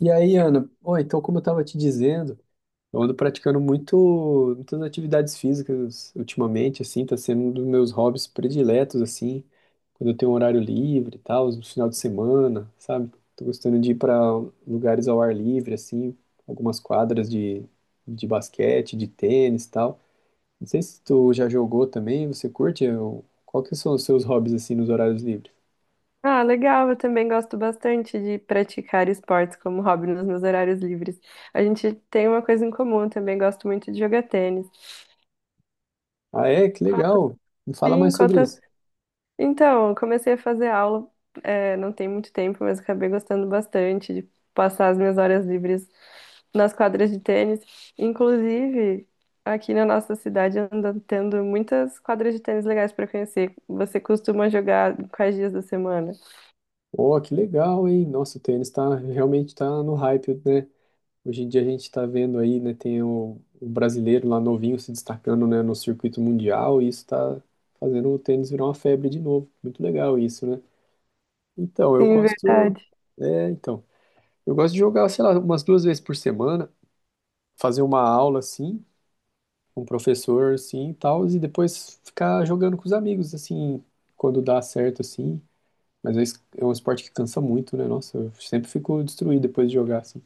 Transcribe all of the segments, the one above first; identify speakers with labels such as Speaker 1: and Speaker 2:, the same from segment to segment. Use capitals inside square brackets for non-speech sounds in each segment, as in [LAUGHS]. Speaker 1: E aí, Ana, oi, então como eu estava te dizendo, eu ando praticando muitas atividades físicas ultimamente, assim, tá sendo um dos meus hobbies prediletos, assim, quando eu tenho um horário livre e tal, no final de semana, sabe? Tô gostando de ir para lugares ao ar livre, assim, algumas quadras de basquete, de tênis e tal. Não sei se tu já jogou também, você curte? Qual que são os seus hobbies, assim, nos horários livres?
Speaker 2: Ah, legal. Eu também gosto bastante de praticar esportes como hobby nos meus horários livres. A gente tem uma coisa em comum, eu também gosto muito de jogar tênis.
Speaker 1: Ah, é? Que
Speaker 2: Quanto
Speaker 1: legal! Me fala
Speaker 2: sim,
Speaker 1: mais sobre
Speaker 2: quantas.
Speaker 1: isso.
Speaker 2: Então, eu comecei a fazer aula, não tem muito tempo, mas acabei gostando bastante de passar as minhas horas livres nas quadras de tênis. Inclusive, aqui na nossa cidade anda tendo muitas quadras de tênis legais para conhecer. Você costuma jogar quais dias da semana?
Speaker 1: Oh, que legal, hein? Nossa, o tênis tá, realmente tá no hype, né? Hoje em dia a gente tá vendo aí, né? Tem o brasileiro lá novinho se destacando, né, no circuito mundial e isso tá fazendo o tênis virar uma febre de novo. Muito legal isso, né? Então, eu
Speaker 2: Sim,
Speaker 1: gosto...
Speaker 2: verdade.
Speaker 1: É, então. Eu gosto de jogar, sei lá, umas duas vezes por semana, fazer uma aula, assim, com um professor, assim, e tal, e depois ficar jogando com os amigos, assim, quando dá certo, assim. Mas é um esporte que cansa muito, né? Nossa, eu sempre fico destruído depois de jogar, assim.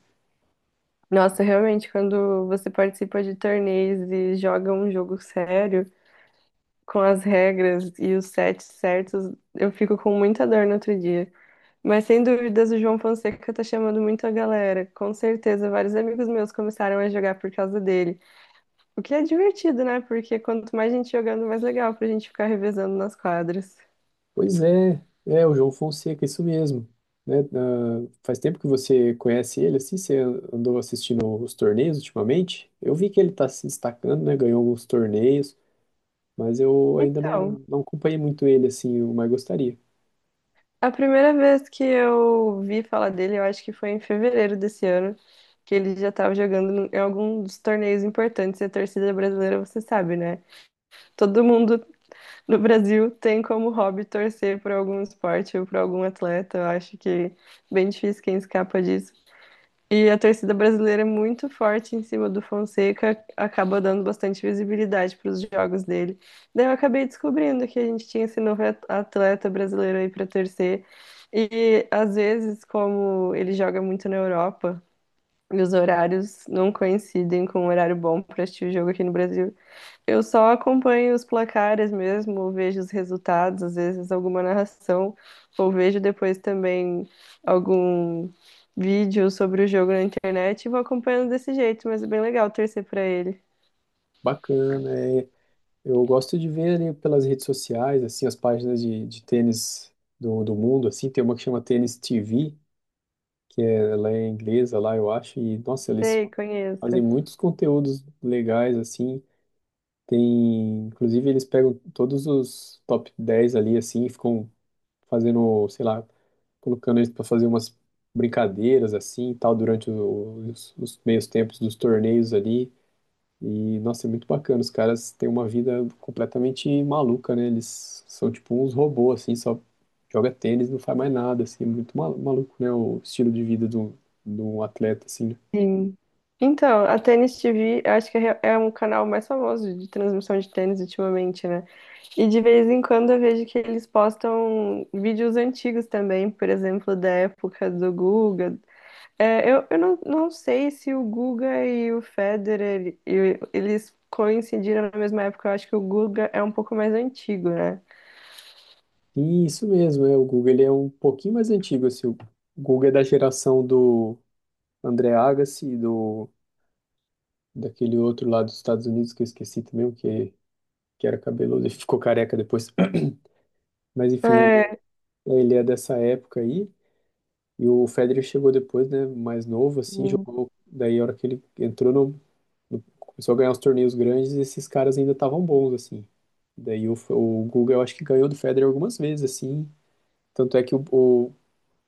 Speaker 2: Nossa, realmente, quando você participa de torneios e joga um jogo sério, com as regras e os sets certos, eu fico com muita dor no outro dia. Mas sem dúvidas, o João Fonseca tá chamando muito a galera. Com certeza, vários amigos meus começaram a jogar por causa dele. O que é divertido, né? Porque quanto mais gente jogando, mais legal pra gente ficar revezando nas quadras.
Speaker 1: Pois é, é o João Fonseca, isso mesmo. Né? Ah, faz tempo que você conhece ele, assim, você andou assistindo os torneios ultimamente? Eu vi que ele tá se destacando, né? Ganhou alguns torneios, mas eu ainda
Speaker 2: Então.
Speaker 1: não acompanhei muito ele, assim, eu mais gostaria.
Speaker 2: A primeira vez que eu vi falar dele, eu acho que foi em fevereiro desse ano, que ele já estava jogando em algum dos torneios importantes. E a torcida brasileira, você sabe, né? Todo mundo no Brasil tem como hobby torcer por algum esporte ou por algum atleta. Eu acho que é bem difícil quem escapa disso. E a torcida brasileira é muito forte em cima do Fonseca, acaba dando bastante visibilidade para os jogos dele. Daí eu acabei descobrindo que a gente tinha esse novo atleta brasileiro aí para torcer. E às vezes, como ele joga muito na Europa, e os horários não coincidem com um horário bom para assistir o jogo aqui no Brasil, eu só acompanho os placares mesmo, ou vejo os resultados, às vezes alguma narração, ou vejo depois também algum vídeo sobre o jogo na internet e vou acompanhando desse jeito, mas é bem legal torcer pra ele.
Speaker 1: Bacana, é. Eu gosto de ver ali pelas redes sociais, assim, as páginas de tênis do mundo, assim, tem uma que chama Tênis TV, que ela é inglesa lá, eu acho, e nossa, eles
Speaker 2: Sei,
Speaker 1: fazem
Speaker 2: conheço.
Speaker 1: muitos conteúdos legais assim. Tem, inclusive eles pegam todos os top 10 ali assim, e ficam fazendo, sei lá, colocando eles para fazer umas brincadeiras assim, e tal durante os meios tempos dos torneios ali. E, nossa, é muito bacana. Os caras têm uma vida completamente maluca, né? Eles são tipo uns robôs, assim, só joga tênis, não faz mais nada, assim. É muito maluco, né? O estilo de vida do atleta, assim, né?
Speaker 2: Sim. Então, a Tênis TV, eu acho que é um canal mais famoso de transmissão de tênis ultimamente, né? E de vez em quando eu vejo que eles postam vídeos antigos também, por exemplo, da época do Guga. Eu não sei se o Guga e o Federer eles coincidiram na mesma época. Eu acho que o Guga é um pouco mais antigo, né?
Speaker 1: E isso mesmo, é. O Guga, ele é um pouquinho mais antigo, assim. O Guga é da geração do André Agassi, do, daquele outro lá dos Estados Unidos, que eu esqueci também, o que, que era cabeludo e ficou careca depois. [CLEARS THROAT] Mas, enfim, ele
Speaker 2: É.
Speaker 1: ele é dessa época aí. E o Federer chegou depois, né, mais novo, assim,
Speaker 2: Hum.
Speaker 1: jogou. Daí, a hora que ele entrou começou a ganhar os torneios grandes, esses caras ainda estavam bons, assim. Daí, o Guga, eu acho que ganhou do Federer algumas vezes, assim. Tanto é que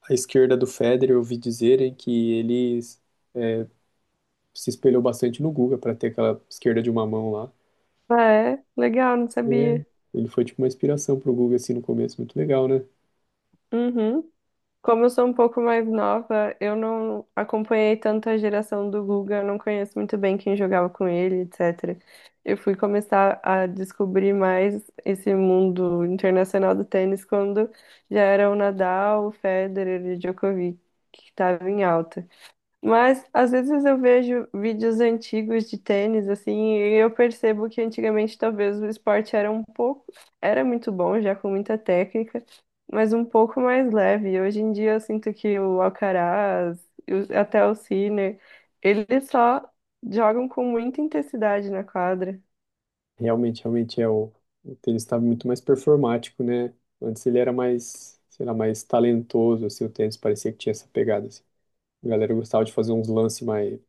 Speaker 1: a esquerda do Federer, eu ouvi dizerem que ele se espelhou bastante no Guga para ter aquela esquerda de uma mão lá.
Speaker 2: Ah, é legal, não
Speaker 1: É.
Speaker 2: sabia.
Speaker 1: Ele foi, tipo, uma inspiração pro Guga, assim, no começo. Muito legal, né?
Speaker 2: Uhum. Como eu sou um pouco mais nova, eu não acompanhei tanto a geração do Guga, eu não conheço muito bem quem jogava com ele, etc. Eu fui começar a descobrir mais esse mundo internacional do tênis quando já era o Nadal, o Federer e o Djokovic que estavam em alta. Mas às vezes eu vejo vídeos antigos de tênis, assim, e eu percebo que antigamente talvez o esporte era um pouco, era muito bom, já com muita técnica, mas um pouco mais leve. Hoje em dia eu sinto que o Alcaraz, e até o Sinner, eles só jogam com muita intensidade na quadra.
Speaker 1: Realmente, realmente é o tênis está muito mais performático, né? Antes ele era mais, sei lá, mais talentoso, assim, o tênis parecia que tinha essa pegada, assim. A galera gostava de fazer uns lances mais,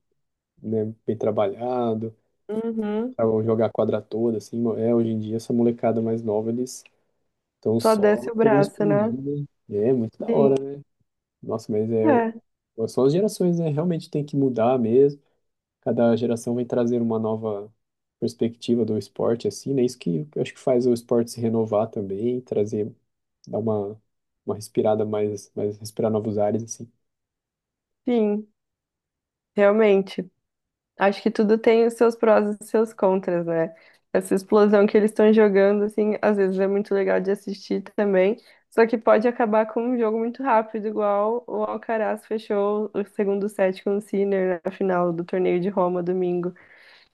Speaker 1: né, bem trabalhado,
Speaker 2: Uhum.
Speaker 1: pra jogar a quadra toda, assim. É, hoje em dia, essa molecada mais nova, eles estão
Speaker 2: Só
Speaker 1: só
Speaker 2: desce o
Speaker 1: querendo
Speaker 2: braço,
Speaker 1: explodir,
Speaker 2: né?
Speaker 1: né? É, muito da
Speaker 2: Sim,
Speaker 1: hora, né? Nossa, mas é, o-
Speaker 2: é,
Speaker 1: são as gerações, né? Realmente tem que mudar mesmo. Cada geração vem trazer uma nova perspectiva do esporte, assim, né? Isso que eu acho que faz o esporte se renovar também, trazer, dar uma respirada mais, respirar novos ares, assim.
Speaker 2: sim, realmente. Acho que tudo tem os seus prós e os seus contras, né? Essa explosão que eles estão jogando, assim, às vezes é muito legal de assistir também, só que pode acabar com um jogo muito rápido, igual o Alcaraz fechou o segundo set com o Sinner na final do torneio de Roma domingo.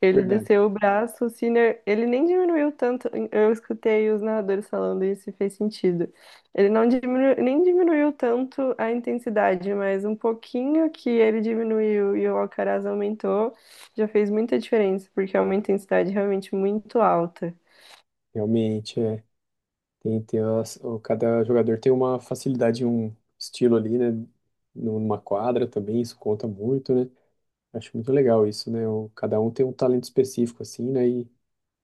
Speaker 2: Ele
Speaker 1: Verdade.
Speaker 2: desceu o braço, o Sinner, ele nem diminuiu tanto. Eu escutei os narradores falando isso e fez sentido. Ele não diminuiu, nem diminuiu tanto a intensidade, mas um pouquinho que ele diminuiu e o Alcaraz aumentou, já fez muita diferença, porque é uma intensidade realmente muito alta.
Speaker 1: Realmente, é. Tem, cada jogador tem uma facilidade, um estilo ali, né? Numa quadra também, isso conta muito, né? Acho muito legal isso, né? O, cada um tem um talento específico, assim, né? E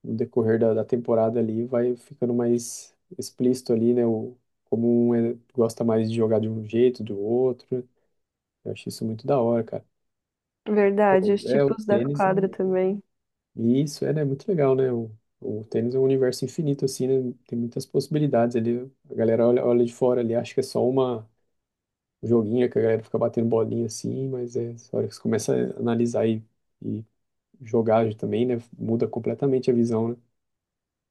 Speaker 1: no decorrer da temporada ali, vai ficando mais explícito ali, né? O, como um gosta mais de jogar de um jeito, do outro. Eu acho isso muito da hora, cara.
Speaker 2: Verdade,
Speaker 1: Pô,
Speaker 2: os
Speaker 1: é, o
Speaker 2: tipos da
Speaker 1: tênis é
Speaker 2: quadra
Speaker 1: um...
Speaker 2: também.
Speaker 1: E isso é, né, muito legal, né? O tênis é um universo infinito, assim, né? Tem muitas possibilidades ali. A galera olha, olha de fora ali, acha que é só uma joguinha que a galera fica batendo bolinha assim, mas é, a hora que você começa a analisar e jogar também, né? Muda completamente a visão,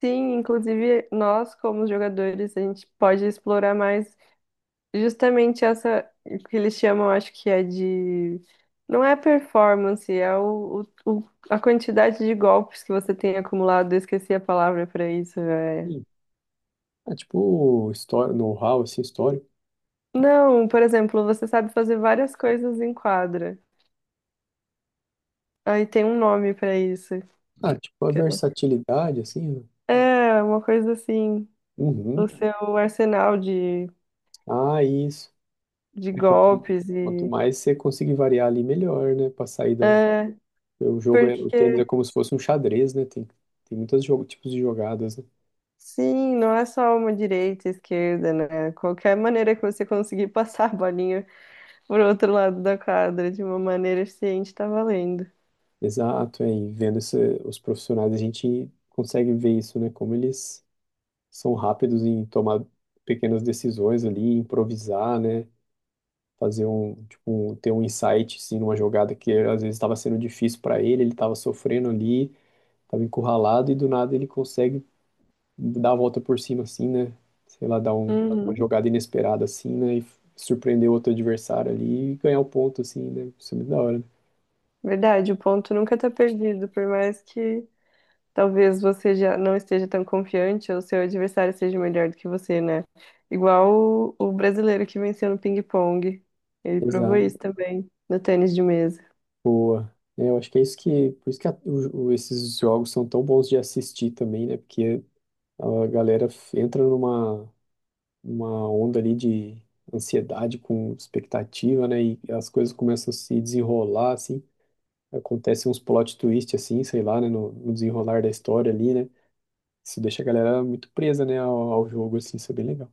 Speaker 2: Sim, inclusive nós, como jogadores, a gente pode explorar mais justamente essa que eles chamam, acho que é de. Não é performance, é a quantidade de golpes que você tem acumulado. Eu esqueci a palavra para isso, é.
Speaker 1: né? Ah, tipo história, know-how assim, histórico.
Speaker 2: Não, por exemplo, você sabe fazer várias coisas em quadra. Aí tem um nome para isso.
Speaker 1: Ah, tipo a
Speaker 2: que
Speaker 1: versatilidade assim, né?
Speaker 2: É, uma coisa assim.
Speaker 1: Uhum.
Speaker 2: O seu arsenal
Speaker 1: Ah, isso.
Speaker 2: de
Speaker 1: É, Quanto,
Speaker 2: golpes
Speaker 1: quanto
Speaker 2: e.
Speaker 1: mais você conseguir variar ali, melhor, né? Pra sair do.
Speaker 2: É,
Speaker 1: O jogo é, o tênis é
Speaker 2: porque.
Speaker 1: como se fosse um xadrez, né? Tem, tem muitos jogo, tipos de jogadas, né?
Speaker 2: Sim, não é só uma direita e esquerda, né? Qualquer maneira que você conseguir [LAUGHS] passar a bolinha por outro lado da quadra, de uma maneira eficiente, tá valendo.
Speaker 1: Exato, é, e vendo os profissionais, a gente consegue ver isso, né? Como eles são rápidos em tomar pequenas decisões ali, improvisar, né? Fazer um, tipo, ter um insight, sim, numa jogada que às vezes estava sendo difícil para ele, ele estava sofrendo ali, estava encurralado e do nada ele consegue dar a volta por cima assim, né? Sei lá, dar uma
Speaker 2: Uhum.
Speaker 1: jogada inesperada assim, né? E surpreender outro adversário ali e ganhar o ponto assim, né? Isso é muito da hora, né?
Speaker 2: Verdade, o ponto nunca tá perdido, por mais que talvez você já não esteja tão confiante ou seu adversário seja melhor do que você, né? Igual o brasileiro que venceu no ping-pong. Ele provou
Speaker 1: Exato.
Speaker 2: isso também no tênis de mesa.
Speaker 1: Boa. É, eu acho que é isso que, por isso que esses jogos são tão bons de assistir também, né? Porque a galera f- entra numa uma onda ali de ansiedade com expectativa, né? E as coisas começam a se desenrolar, assim. Acontece uns plot twist, assim, sei lá, né? No desenrolar da história ali, né? Isso deixa a galera muito presa, né? Ao jogo, assim, isso é bem legal.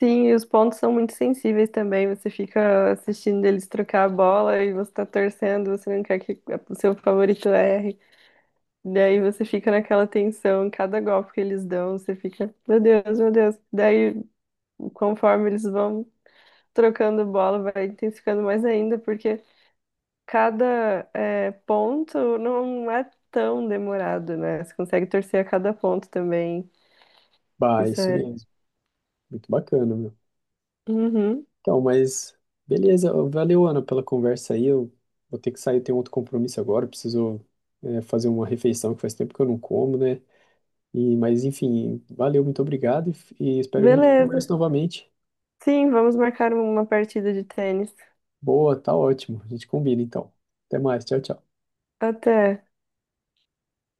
Speaker 2: Sim, e os pontos são muito sensíveis também. Você fica assistindo eles trocar a bola e você tá torcendo, você não quer que o seu favorito erre. Daí você fica naquela tensão, cada golpe que eles dão, você fica, meu Deus, meu Deus. Daí, conforme eles vão trocando bola, vai intensificando mais ainda, porque ponto não é tão demorado, né? Você consegue torcer a cada ponto também.
Speaker 1: Bah,
Speaker 2: Isso
Speaker 1: isso
Speaker 2: é.
Speaker 1: mesmo. Muito bacana, meu.
Speaker 2: Uhum.
Speaker 1: Então, mas beleza. Valeu, Ana, pela conversa aí. Eu vou ter que sair, tenho outro compromisso agora. Preciso, fazer uma refeição que faz tempo que eu não como, né? E, mas enfim, valeu, muito obrigado e espero que a gente
Speaker 2: Beleza.
Speaker 1: converse novamente.
Speaker 2: Sim, vamos marcar uma partida de tênis.
Speaker 1: Boa, tá ótimo. A gente combina então. Até mais. Tchau, tchau.
Speaker 2: Até.